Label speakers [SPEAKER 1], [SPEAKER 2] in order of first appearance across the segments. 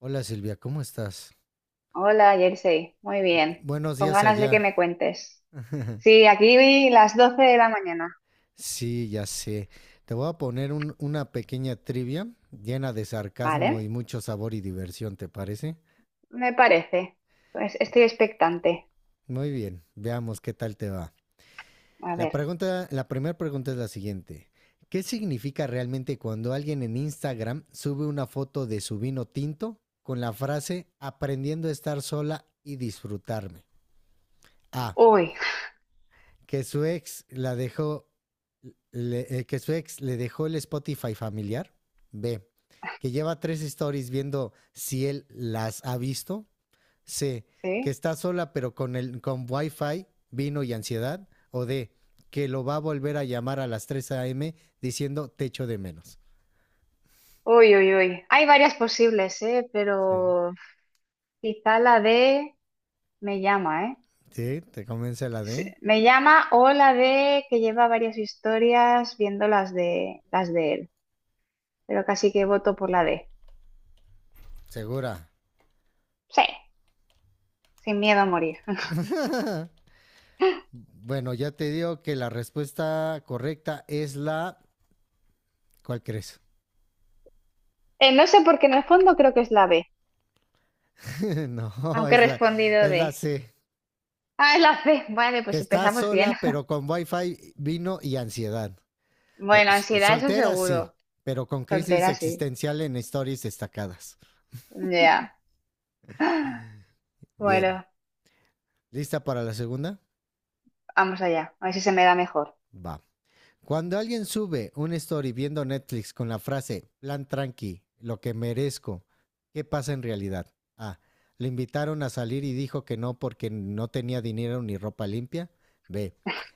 [SPEAKER 1] Hola Silvia, ¿cómo estás?
[SPEAKER 2] Hola, Jersey. Muy bien.
[SPEAKER 1] Buenos
[SPEAKER 2] Con
[SPEAKER 1] días
[SPEAKER 2] ganas de que
[SPEAKER 1] allá.
[SPEAKER 2] me cuentes. Sí, aquí vi las 12 de la mañana.
[SPEAKER 1] Sí, ya sé. Te voy a poner una pequeña trivia llena de sarcasmo y
[SPEAKER 2] Vale,
[SPEAKER 1] mucho sabor y diversión, ¿te parece?
[SPEAKER 2] me parece. Pues estoy expectante.
[SPEAKER 1] Muy bien, veamos qué tal te va.
[SPEAKER 2] A
[SPEAKER 1] La
[SPEAKER 2] ver.
[SPEAKER 1] pregunta, la primera pregunta es la siguiente. ¿Qué significa realmente cuando alguien en Instagram sube una foto de su vino tinto con la frase aprendiendo a estar sola y disfrutarme? A.
[SPEAKER 2] Uy,
[SPEAKER 1] Que su ex la dejó, que su ex le dejó el Spotify familiar. B, que lleva tres stories viendo si él las ha visto. C, que
[SPEAKER 2] sí.
[SPEAKER 1] está sola pero con Wi-Fi, vino y ansiedad. O D, que lo va a volver a llamar a las 3 a.m. diciendo te echo de menos.
[SPEAKER 2] Uy, uy, uy. Hay varias posibles, ¿eh?
[SPEAKER 1] Sí.
[SPEAKER 2] Pero quizá la de me llama, ¿eh?
[SPEAKER 1] Sí, te convence la D.
[SPEAKER 2] Sí, me llama o la de que lleva varias historias viendo las de él. Pero casi que voto por la D.
[SPEAKER 1] Segura.
[SPEAKER 2] Sí, sin miedo a morir.
[SPEAKER 1] Ah. Bueno, ya te digo que la respuesta correcta es la. ¿Cuál crees?
[SPEAKER 2] No sé porque en el fondo creo que es la B.
[SPEAKER 1] No,
[SPEAKER 2] Aunque he
[SPEAKER 1] es la,
[SPEAKER 2] respondido
[SPEAKER 1] es la
[SPEAKER 2] de,
[SPEAKER 1] C.
[SPEAKER 2] ah, es la C. Vale, pues
[SPEAKER 1] Está
[SPEAKER 2] empezamos
[SPEAKER 1] sola,
[SPEAKER 2] bien.
[SPEAKER 1] pero con wifi, vino y ansiedad.
[SPEAKER 2] Bueno, ansiedad, eso
[SPEAKER 1] Soltera, sí,
[SPEAKER 2] seguro.
[SPEAKER 1] pero con crisis
[SPEAKER 2] Soltera, sí.
[SPEAKER 1] existencial en historias destacadas.
[SPEAKER 2] Ya.
[SPEAKER 1] Bien.
[SPEAKER 2] Bueno,
[SPEAKER 1] ¿Lista para la segunda?
[SPEAKER 2] vamos allá. A ver si se me da mejor.
[SPEAKER 1] Va. Cuando alguien sube un story viendo Netflix con la frase plan tranqui, lo que merezco, ¿qué pasa en realidad? A. Le invitaron a salir y dijo que no porque no tenía dinero ni ropa limpia. B.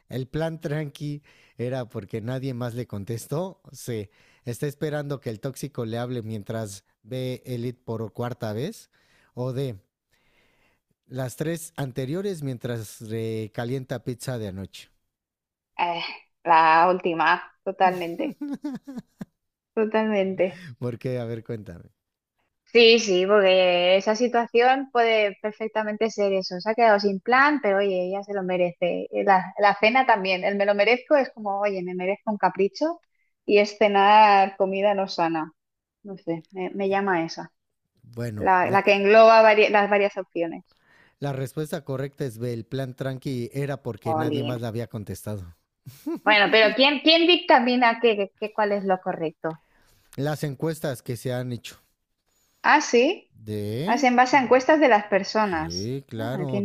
[SPEAKER 1] El plan tranqui era porque nadie más le contestó. C. Está esperando que el tóxico le hable mientras ve Elite por cuarta vez. O D. Las tres anteriores mientras recalienta pizza de anoche.
[SPEAKER 2] Eh, la última, totalmente. Totalmente.
[SPEAKER 1] ¿Por qué? A ver, cuéntame.
[SPEAKER 2] Sí, sí, porque esa situación puede perfectamente ser eso. Se ha quedado sin plan, pero oye, ella se lo merece. La cena también. El me lo merezco es como, oye, me merezco un capricho y es cenar comida no sana. No sé, me llama esa.
[SPEAKER 1] Bueno,
[SPEAKER 2] La,
[SPEAKER 1] la-
[SPEAKER 2] la que engloba las varias opciones.
[SPEAKER 1] La respuesta correcta es B. El plan tranqui era porque nadie
[SPEAKER 2] Olin.
[SPEAKER 1] más la había contestado.
[SPEAKER 2] Bueno, pero ¿quién dictamina cuál es lo correcto?
[SPEAKER 1] Las encuestas que se han hecho.
[SPEAKER 2] Ah, sí. Ah,
[SPEAKER 1] ¿De?
[SPEAKER 2] es en base a encuestas de las personas.
[SPEAKER 1] Sí,
[SPEAKER 2] Ah, qué
[SPEAKER 1] claro.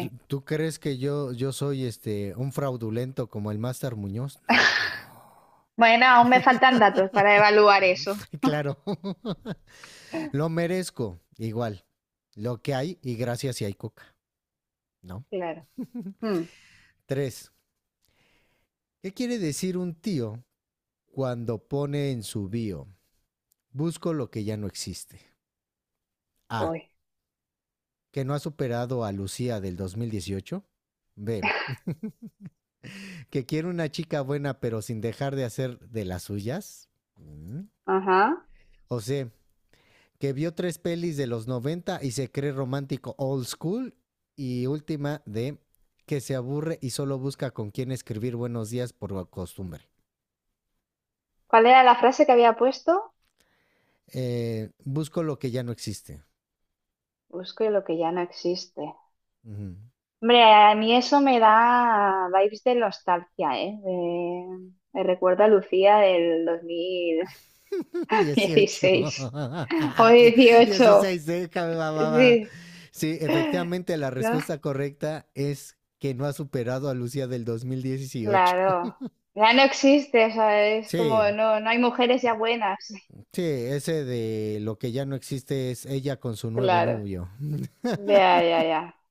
[SPEAKER 1] ¿Tú- ¿Tú crees que yo soy un fraudulento como el Master Muñoz? No.
[SPEAKER 2] Bueno, aún me faltan datos para evaluar eso.
[SPEAKER 1] Claro. Lo merezco. Igual. Lo que hay y gracias si hay coca. ¿No?
[SPEAKER 2] Claro. Hmm,
[SPEAKER 1] Tres. ¿Qué quiere decir un tío cuando pone en su bio? Busco lo que ya no existe. A.
[SPEAKER 2] Voy.
[SPEAKER 1] Que no ha superado a Lucía del 2018. B, que quiere una chica buena pero sin dejar de hacer de las suyas. Mm.
[SPEAKER 2] Ajá.
[SPEAKER 1] O C, que vio tres pelis de los 90 y se cree romántico old school. Y última, D, que se aburre y solo busca con quién escribir buenos días por costumbre.
[SPEAKER 2] ¿Cuál era la frase que había puesto?
[SPEAKER 1] Busco lo que ya no existe.
[SPEAKER 2] Busco lo que ya no existe.
[SPEAKER 1] Ujú.
[SPEAKER 2] Hombre, a mí eso me da vibes de nostalgia, ¿eh? Me recuerda a Lucía del dos mil
[SPEAKER 1] Dieciocho
[SPEAKER 2] dieciséis. O dieciocho.
[SPEAKER 1] dieciséis, déjame, mamá.
[SPEAKER 2] Sí.
[SPEAKER 1] Sí, efectivamente la
[SPEAKER 2] ¿No?
[SPEAKER 1] respuesta correcta es que no ha superado a Lucía del dos mil dieciocho.
[SPEAKER 2] Claro. Ya no existe, o sea, es como
[SPEAKER 1] Sí,
[SPEAKER 2] no, no hay mujeres ya buenas.
[SPEAKER 1] sí, ese de lo que ya no existe es ella con su nuevo
[SPEAKER 2] Claro.
[SPEAKER 1] novio.
[SPEAKER 2] Ya, ya, ya.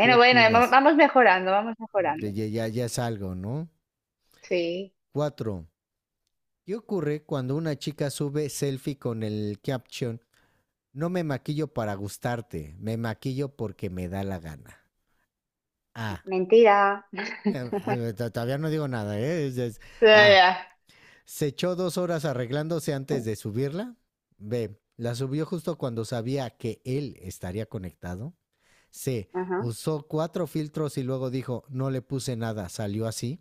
[SPEAKER 1] ¿Qué
[SPEAKER 2] bueno,
[SPEAKER 1] opinas?
[SPEAKER 2] vamos mejorando, vamos mejorando.
[SPEAKER 1] Ya, ya, es algo, ¿no?
[SPEAKER 2] Sí.
[SPEAKER 1] Cuatro. ¿Qué ocurre cuando una chica sube selfie con el caption? No me maquillo para gustarte, me maquillo porque me da la gana. A.
[SPEAKER 2] Mentira.
[SPEAKER 1] Todavía no digo nada, ¿eh?
[SPEAKER 2] Ya,
[SPEAKER 1] A.
[SPEAKER 2] ya.
[SPEAKER 1] Se echó 2 horas arreglándose antes de subirla. B. La subió justo cuando sabía que él estaría conectado. C.
[SPEAKER 2] Ajá.
[SPEAKER 1] Usó cuatro filtros y luego dijo, no le puse nada, salió así.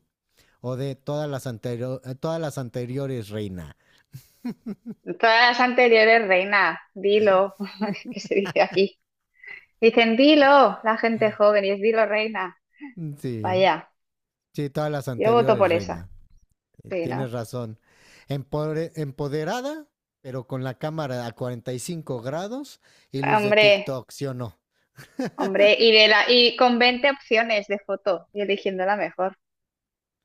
[SPEAKER 1] O D. Todas las anteriores, reina.
[SPEAKER 2] Todas las anteriores, reina, dilo, que se dice aquí. Dicen dilo, la gente joven, y es dilo, reina.
[SPEAKER 1] Sí,
[SPEAKER 2] Vaya,
[SPEAKER 1] sí, todas las
[SPEAKER 2] yo voto
[SPEAKER 1] anteriores,
[SPEAKER 2] por esa.
[SPEAKER 1] reina.
[SPEAKER 2] Sí,
[SPEAKER 1] Tienes
[SPEAKER 2] ¿no?
[SPEAKER 1] razón. Empoderada, pero con la cámara a 45 grados y luz de
[SPEAKER 2] Hombre.
[SPEAKER 1] TikTok, ¿sí o no?
[SPEAKER 2] Hombre, y con 20 opciones de foto y eligiendo la mejor,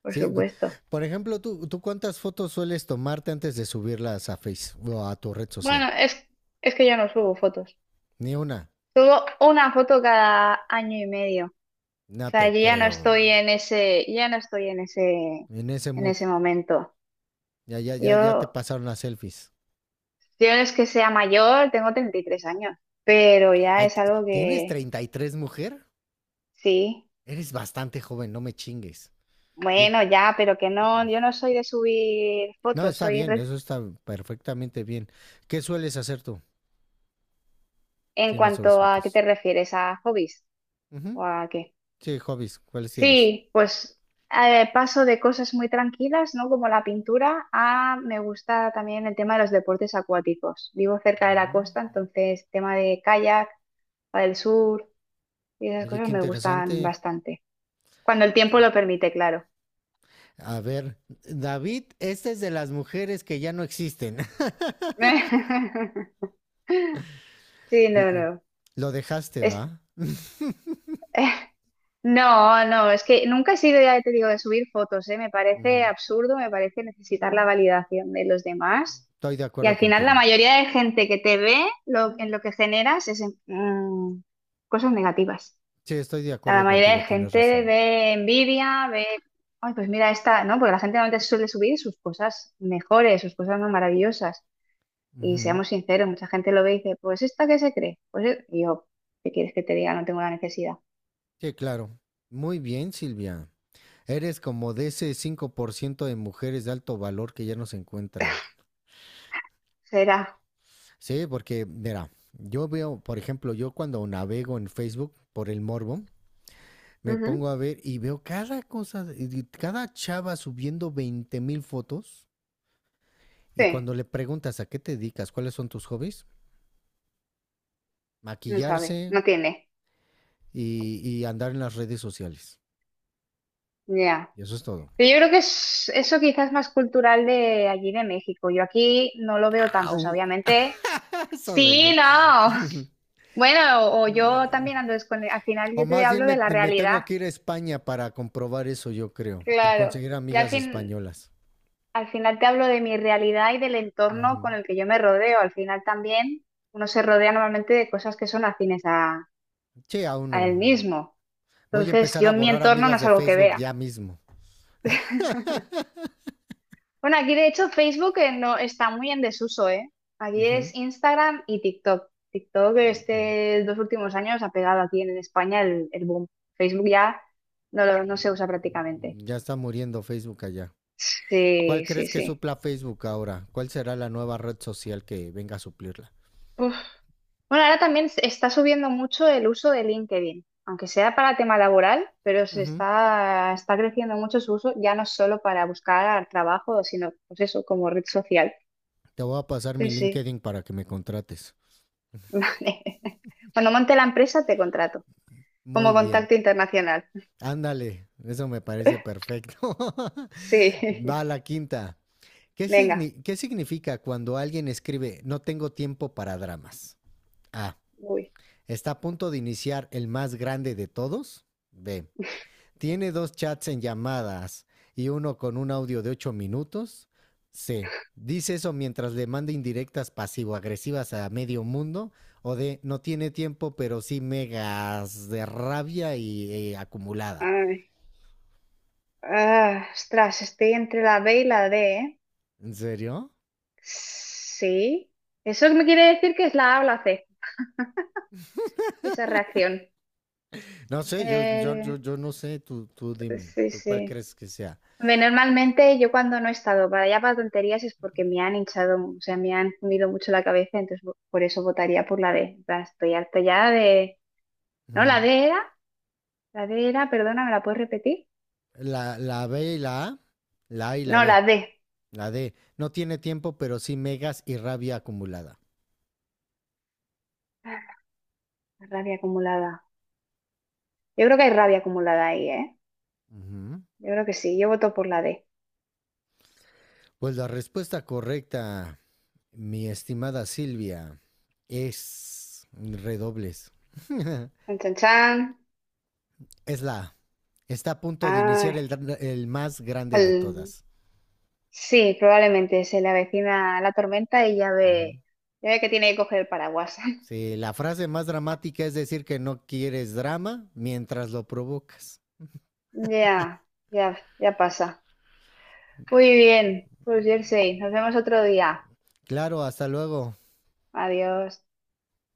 [SPEAKER 2] por
[SPEAKER 1] Sí,
[SPEAKER 2] supuesto.
[SPEAKER 1] por ejemplo, ¿tú cuántas fotos sueles tomarte antes de subirlas a Facebook o a tu red social?
[SPEAKER 2] Bueno, es que yo no subo fotos.
[SPEAKER 1] Ni una.
[SPEAKER 2] Subo una foto cada año y medio. O
[SPEAKER 1] No
[SPEAKER 2] sea,
[SPEAKER 1] te
[SPEAKER 2] yo ya no
[SPEAKER 1] creo.
[SPEAKER 2] estoy en ese, ya no estoy
[SPEAKER 1] En ese
[SPEAKER 2] en
[SPEAKER 1] mood.
[SPEAKER 2] ese momento.
[SPEAKER 1] Ya, ya, ya, ya te
[SPEAKER 2] Yo,
[SPEAKER 1] pasaron las selfies.
[SPEAKER 2] yo no es que sea mayor, tengo 33 años, pero ya
[SPEAKER 1] Ay,
[SPEAKER 2] es algo
[SPEAKER 1] ¿tienes
[SPEAKER 2] que
[SPEAKER 1] 33, mujer?
[SPEAKER 2] sí.
[SPEAKER 1] Eres bastante joven, no me chingues. Yo,
[SPEAKER 2] Bueno, ya, pero que no, yo no soy de subir
[SPEAKER 1] no,
[SPEAKER 2] fotos,
[SPEAKER 1] está bien, eso está perfectamente bien. ¿Qué sueles hacer tú
[SPEAKER 2] en
[SPEAKER 1] si no subes
[SPEAKER 2] cuanto a qué te
[SPEAKER 1] fotos?
[SPEAKER 2] refieres, ¿a hobbies o
[SPEAKER 1] Ujú.
[SPEAKER 2] a qué?
[SPEAKER 1] Sí, hobbies, ¿cuáles tienes?
[SPEAKER 2] Sí, pues paso de cosas muy tranquilas, ¿no? Como la pintura, a me gusta también el tema de los deportes acuáticos. Vivo cerca de la
[SPEAKER 1] Mm.
[SPEAKER 2] costa, entonces tema de kayak, del sur y esas
[SPEAKER 1] Oye,
[SPEAKER 2] cosas
[SPEAKER 1] qué
[SPEAKER 2] me gustan
[SPEAKER 1] interesante.
[SPEAKER 2] bastante. Cuando el tiempo lo permite, claro.
[SPEAKER 1] A ver, David, esta es de las mujeres que ya no existen.
[SPEAKER 2] Sí, no, no.
[SPEAKER 1] Lo dejaste,
[SPEAKER 2] Es-
[SPEAKER 1] ¿va?
[SPEAKER 2] No, no, es que nunca he sido, ya te digo, de subir fotos, ¿eh? Me parece
[SPEAKER 1] Ujú.
[SPEAKER 2] absurdo, me parece necesitar la validación de los demás.
[SPEAKER 1] Estoy de
[SPEAKER 2] Y
[SPEAKER 1] acuerdo
[SPEAKER 2] al final la
[SPEAKER 1] contigo.
[SPEAKER 2] mayoría de gente que te ve, en lo que generas es cosas negativas.
[SPEAKER 1] Sí, estoy de
[SPEAKER 2] O sea, la
[SPEAKER 1] acuerdo
[SPEAKER 2] mayoría de
[SPEAKER 1] contigo, tienes
[SPEAKER 2] gente
[SPEAKER 1] razón.
[SPEAKER 2] ve envidia, ve, ay, pues mira esta, ¿no? Porque la gente normalmente suele subir sus cosas mejores, sus cosas más maravillosas. Y
[SPEAKER 1] Ujú.
[SPEAKER 2] seamos sinceros, mucha gente lo ve y dice, pues esta que se cree. Pues e-". Y yo, ¿qué quieres que te diga? No tengo la necesidad.
[SPEAKER 1] Sí, claro. Muy bien, Silvia. Eres como de ese 5% de mujeres de alto valor que ya no se encuentran.
[SPEAKER 2] Será.
[SPEAKER 1] Sí, porque, mira, yo veo, por ejemplo, yo cuando navego en Facebook por el morbo, me
[SPEAKER 2] Ujú.
[SPEAKER 1] pongo a ver y veo cada cosa, cada chava subiendo 20.000 fotos. Y
[SPEAKER 2] Sí,
[SPEAKER 1] cuando le preguntas a qué te dedicas, cuáles son tus hobbies,
[SPEAKER 2] no sabe,
[SPEAKER 1] maquillarse
[SPEAKER 2] no tiene.
[SPEAKER 1] y andar en las redes sociales.
[SPEAKER 2] Ya.
[SPEAKER 1] Y eso es todo.
[SPEAKER 2] Pero yo creo que es, eso quizás es más cultural de allí de México. Yo aquí no lo veo tanto, o sea,
[SPEAKER 1] ¡Au!
[SPEAKER 2] obviamente.
[SPEAKER 1] Eso
[SPEAKER 2] Sí,
[SPEAKER 1] dolió.
[SPEAKER 2] no. Bueno, o yo también ando descone- Al final
[SPEAKER 1] O
[SPEAKER 2] yo te
[SPEAKER 1] más bien
[SPEAKER 2] hablo de
[SPEAKER 1] me,
[SPEAKER 2] la
[SPEAKER 1] me
[SPEAKER 2] realidad.
[SPEAKER 1] tengo que ir a España para comprobar eso, yo creo.
[SPEAKER 2] Claro.
[SPEAKER 1] Conseguir
[SPEAKER 2] Y al
[SPEAKER 1] amigas
[SPEAKER 2] fin,
[SPEAKER 1] españolas.
[SPEAKER 2] Al final te hablo de mi realidad y del entorno
[SPEAKER 1] Ujú.
[SPEAKER 2] con el que yo me rodeo. Al final también uno se rodea normalmente de cosas que son afines a,
[SPEAKER 1] Che, aún no.
[SPEAKER 2] a él mismo.
[SPEAKER 1] Voy a
[SPEAKER 2] Entonces,
[SPEAKER 1] empezar
[SPEAKER 2] yo
[SPEAKER 1] a
[SPEAKER 2] en mi
[SPEAKER 1] borrar
[SPEAKER 2] entorno no
[SPEAKER 1] amigas
[SPEAKER 2] es
[SPEAKER 1] de
[SPEAKER 2] algo que
[SPEAKER 1] Facebook
[SPEAKER 2] vea.
[SPEAKER 1] ya mismo.
[SPEAKER 2] Bueno, aquí de hecho Facebook no está muy en desuso, ¿eh? Aquí
[SPEAKER 1] Ujú.
[SPEAKER 2] es Instagram y TikTok. TikTok este 2 últimos años ha pegado aquí en España el boom. Facebook ya no, no se usa prácticamente.
[SPEAKER 1] Ya está muriendo Facebook allá. ¿Cuál
[SPEAKER 2] Sí, sí,
[SPEAKER 1] crees que
[SPEAKER 2] sí.
[SPEAKER 1] supla Facebook ahora? ¿Cuál será la nueva red social que venga a suplirla?
[SPEAKER 2] Uf. Bueno, ahora también se está subiendo mucho el uso de LinkedIn, aunque sea para tema laboral, pero se
[SPEAKER 1] Ujú.
[SPEAKER 2] está, está creciendo mucho su uso, ya no solo para buscar trabajo, sino pues eso, como red social.
[SPEAKER 1] Te voy a pasar mi
[SPEAKER 2] Sí, sí.
[SPEAKER 1] LinkedIn para que me contrates.
[SPEAKER 2] Vale. Cuando monte la empresa, te contrato. Como
[SPEAKER 1] Muy bien.
[SPEAKER 2] contacto internacional.
[SPEAKER 1] Ándale, eso me parece perfecto.
[SPEAKER 2] Sí,
[SPEAKER 1] Va la quinta. ¿Qué,
[SPEAKER 2] venga.
[SPEAKER 1] qué significa cuando alguien escribe no tengo tiempo para dramas? A.
[SPEAKER 2] Uy.
[SPEAKER 1] Está a punto de iniciar el más grande de todos. B. Tiene dos chats en llamadas y uno con un audio de 8 minutos. C. Dice eso mientras le manda indirectas pasivo-agresivas a medio mundo. O D. No tiene tiempo, pero sí megas de rabia y acumulada.
[SPEAKER 2] Ay. Ah, ostras, estoy entre la B y la D, ¿eh?
[SPEAKER 1] ¿En serio?
[SPEAKER 2] Sí. Eso me quiere decir que es la A o la C, esa reacción.
[SPEAKER 1] No sé, yo, yo, yo,
[SPEAKER 2] Eh,
[SPEAKER 1] yo no sé. Tú dime,
[SPEAKER 2] sí,
[SPEAKER 1] ¿tú cuál
[SPEAKER 2] sí.
[SPEAKER 1] crees que sea?
[SPEAKER 2] Hombre, normalmente yo cuando no he estado para allá para tonterías es porque me han hinchado, o sea, me han comido mucho la cabeza, entonces por eso votaría por la D. En plan, estoy harta ya de... No, la D era, perdona, ¿me la puedes repetir?
[SPEAKER 1] La B y la A. La A y la
[SPEAKER 2] No,
[SPEAKER 1] B.
[SPEAKER 2] la D.
[SPEAKER 1] La D. No tiene tiempo, pero sí megas y rabia acumulada.
[SPEAKER 2] La rabia acumulada. Yo creo que hay rabia acumulada ahí, ¿eh?
[SPEAKER 1] Ujú.
[SPEAKER 2] Yo creo que sí. Yo voto por la D.
[SPEAKER 1] Pues la respuesta correcta, mi estimada Silvia, es redobles.
[SPEAKER 2] Chan, chan, chan.
[SPEAKER 1] Es la A. Está a punto de
[SPEAKER 2] Ay,
[SPEAKER 1] iniciar el más grande de
[SPEAKER 2] el-
[SPEAKER 1] todas.
[SPEAKER 2] sí, probablemente se le avecina la tormenta y
[SPEAKER 1] Uh-huh.
[SPEAKER 2] ya ve que tiene que coger el paraguas.
[SPEAKER 1] Sí, la frase más dramática es decir que no quieres drama mientras lo provocas.
[SPEAKER 2] Ya, ya, ya pasa. Muy bien, pues Jersey, nos vemos otro día.
[SPEAKER 1] Claro, hasta luego.
[SPEAKER 2] Adiós.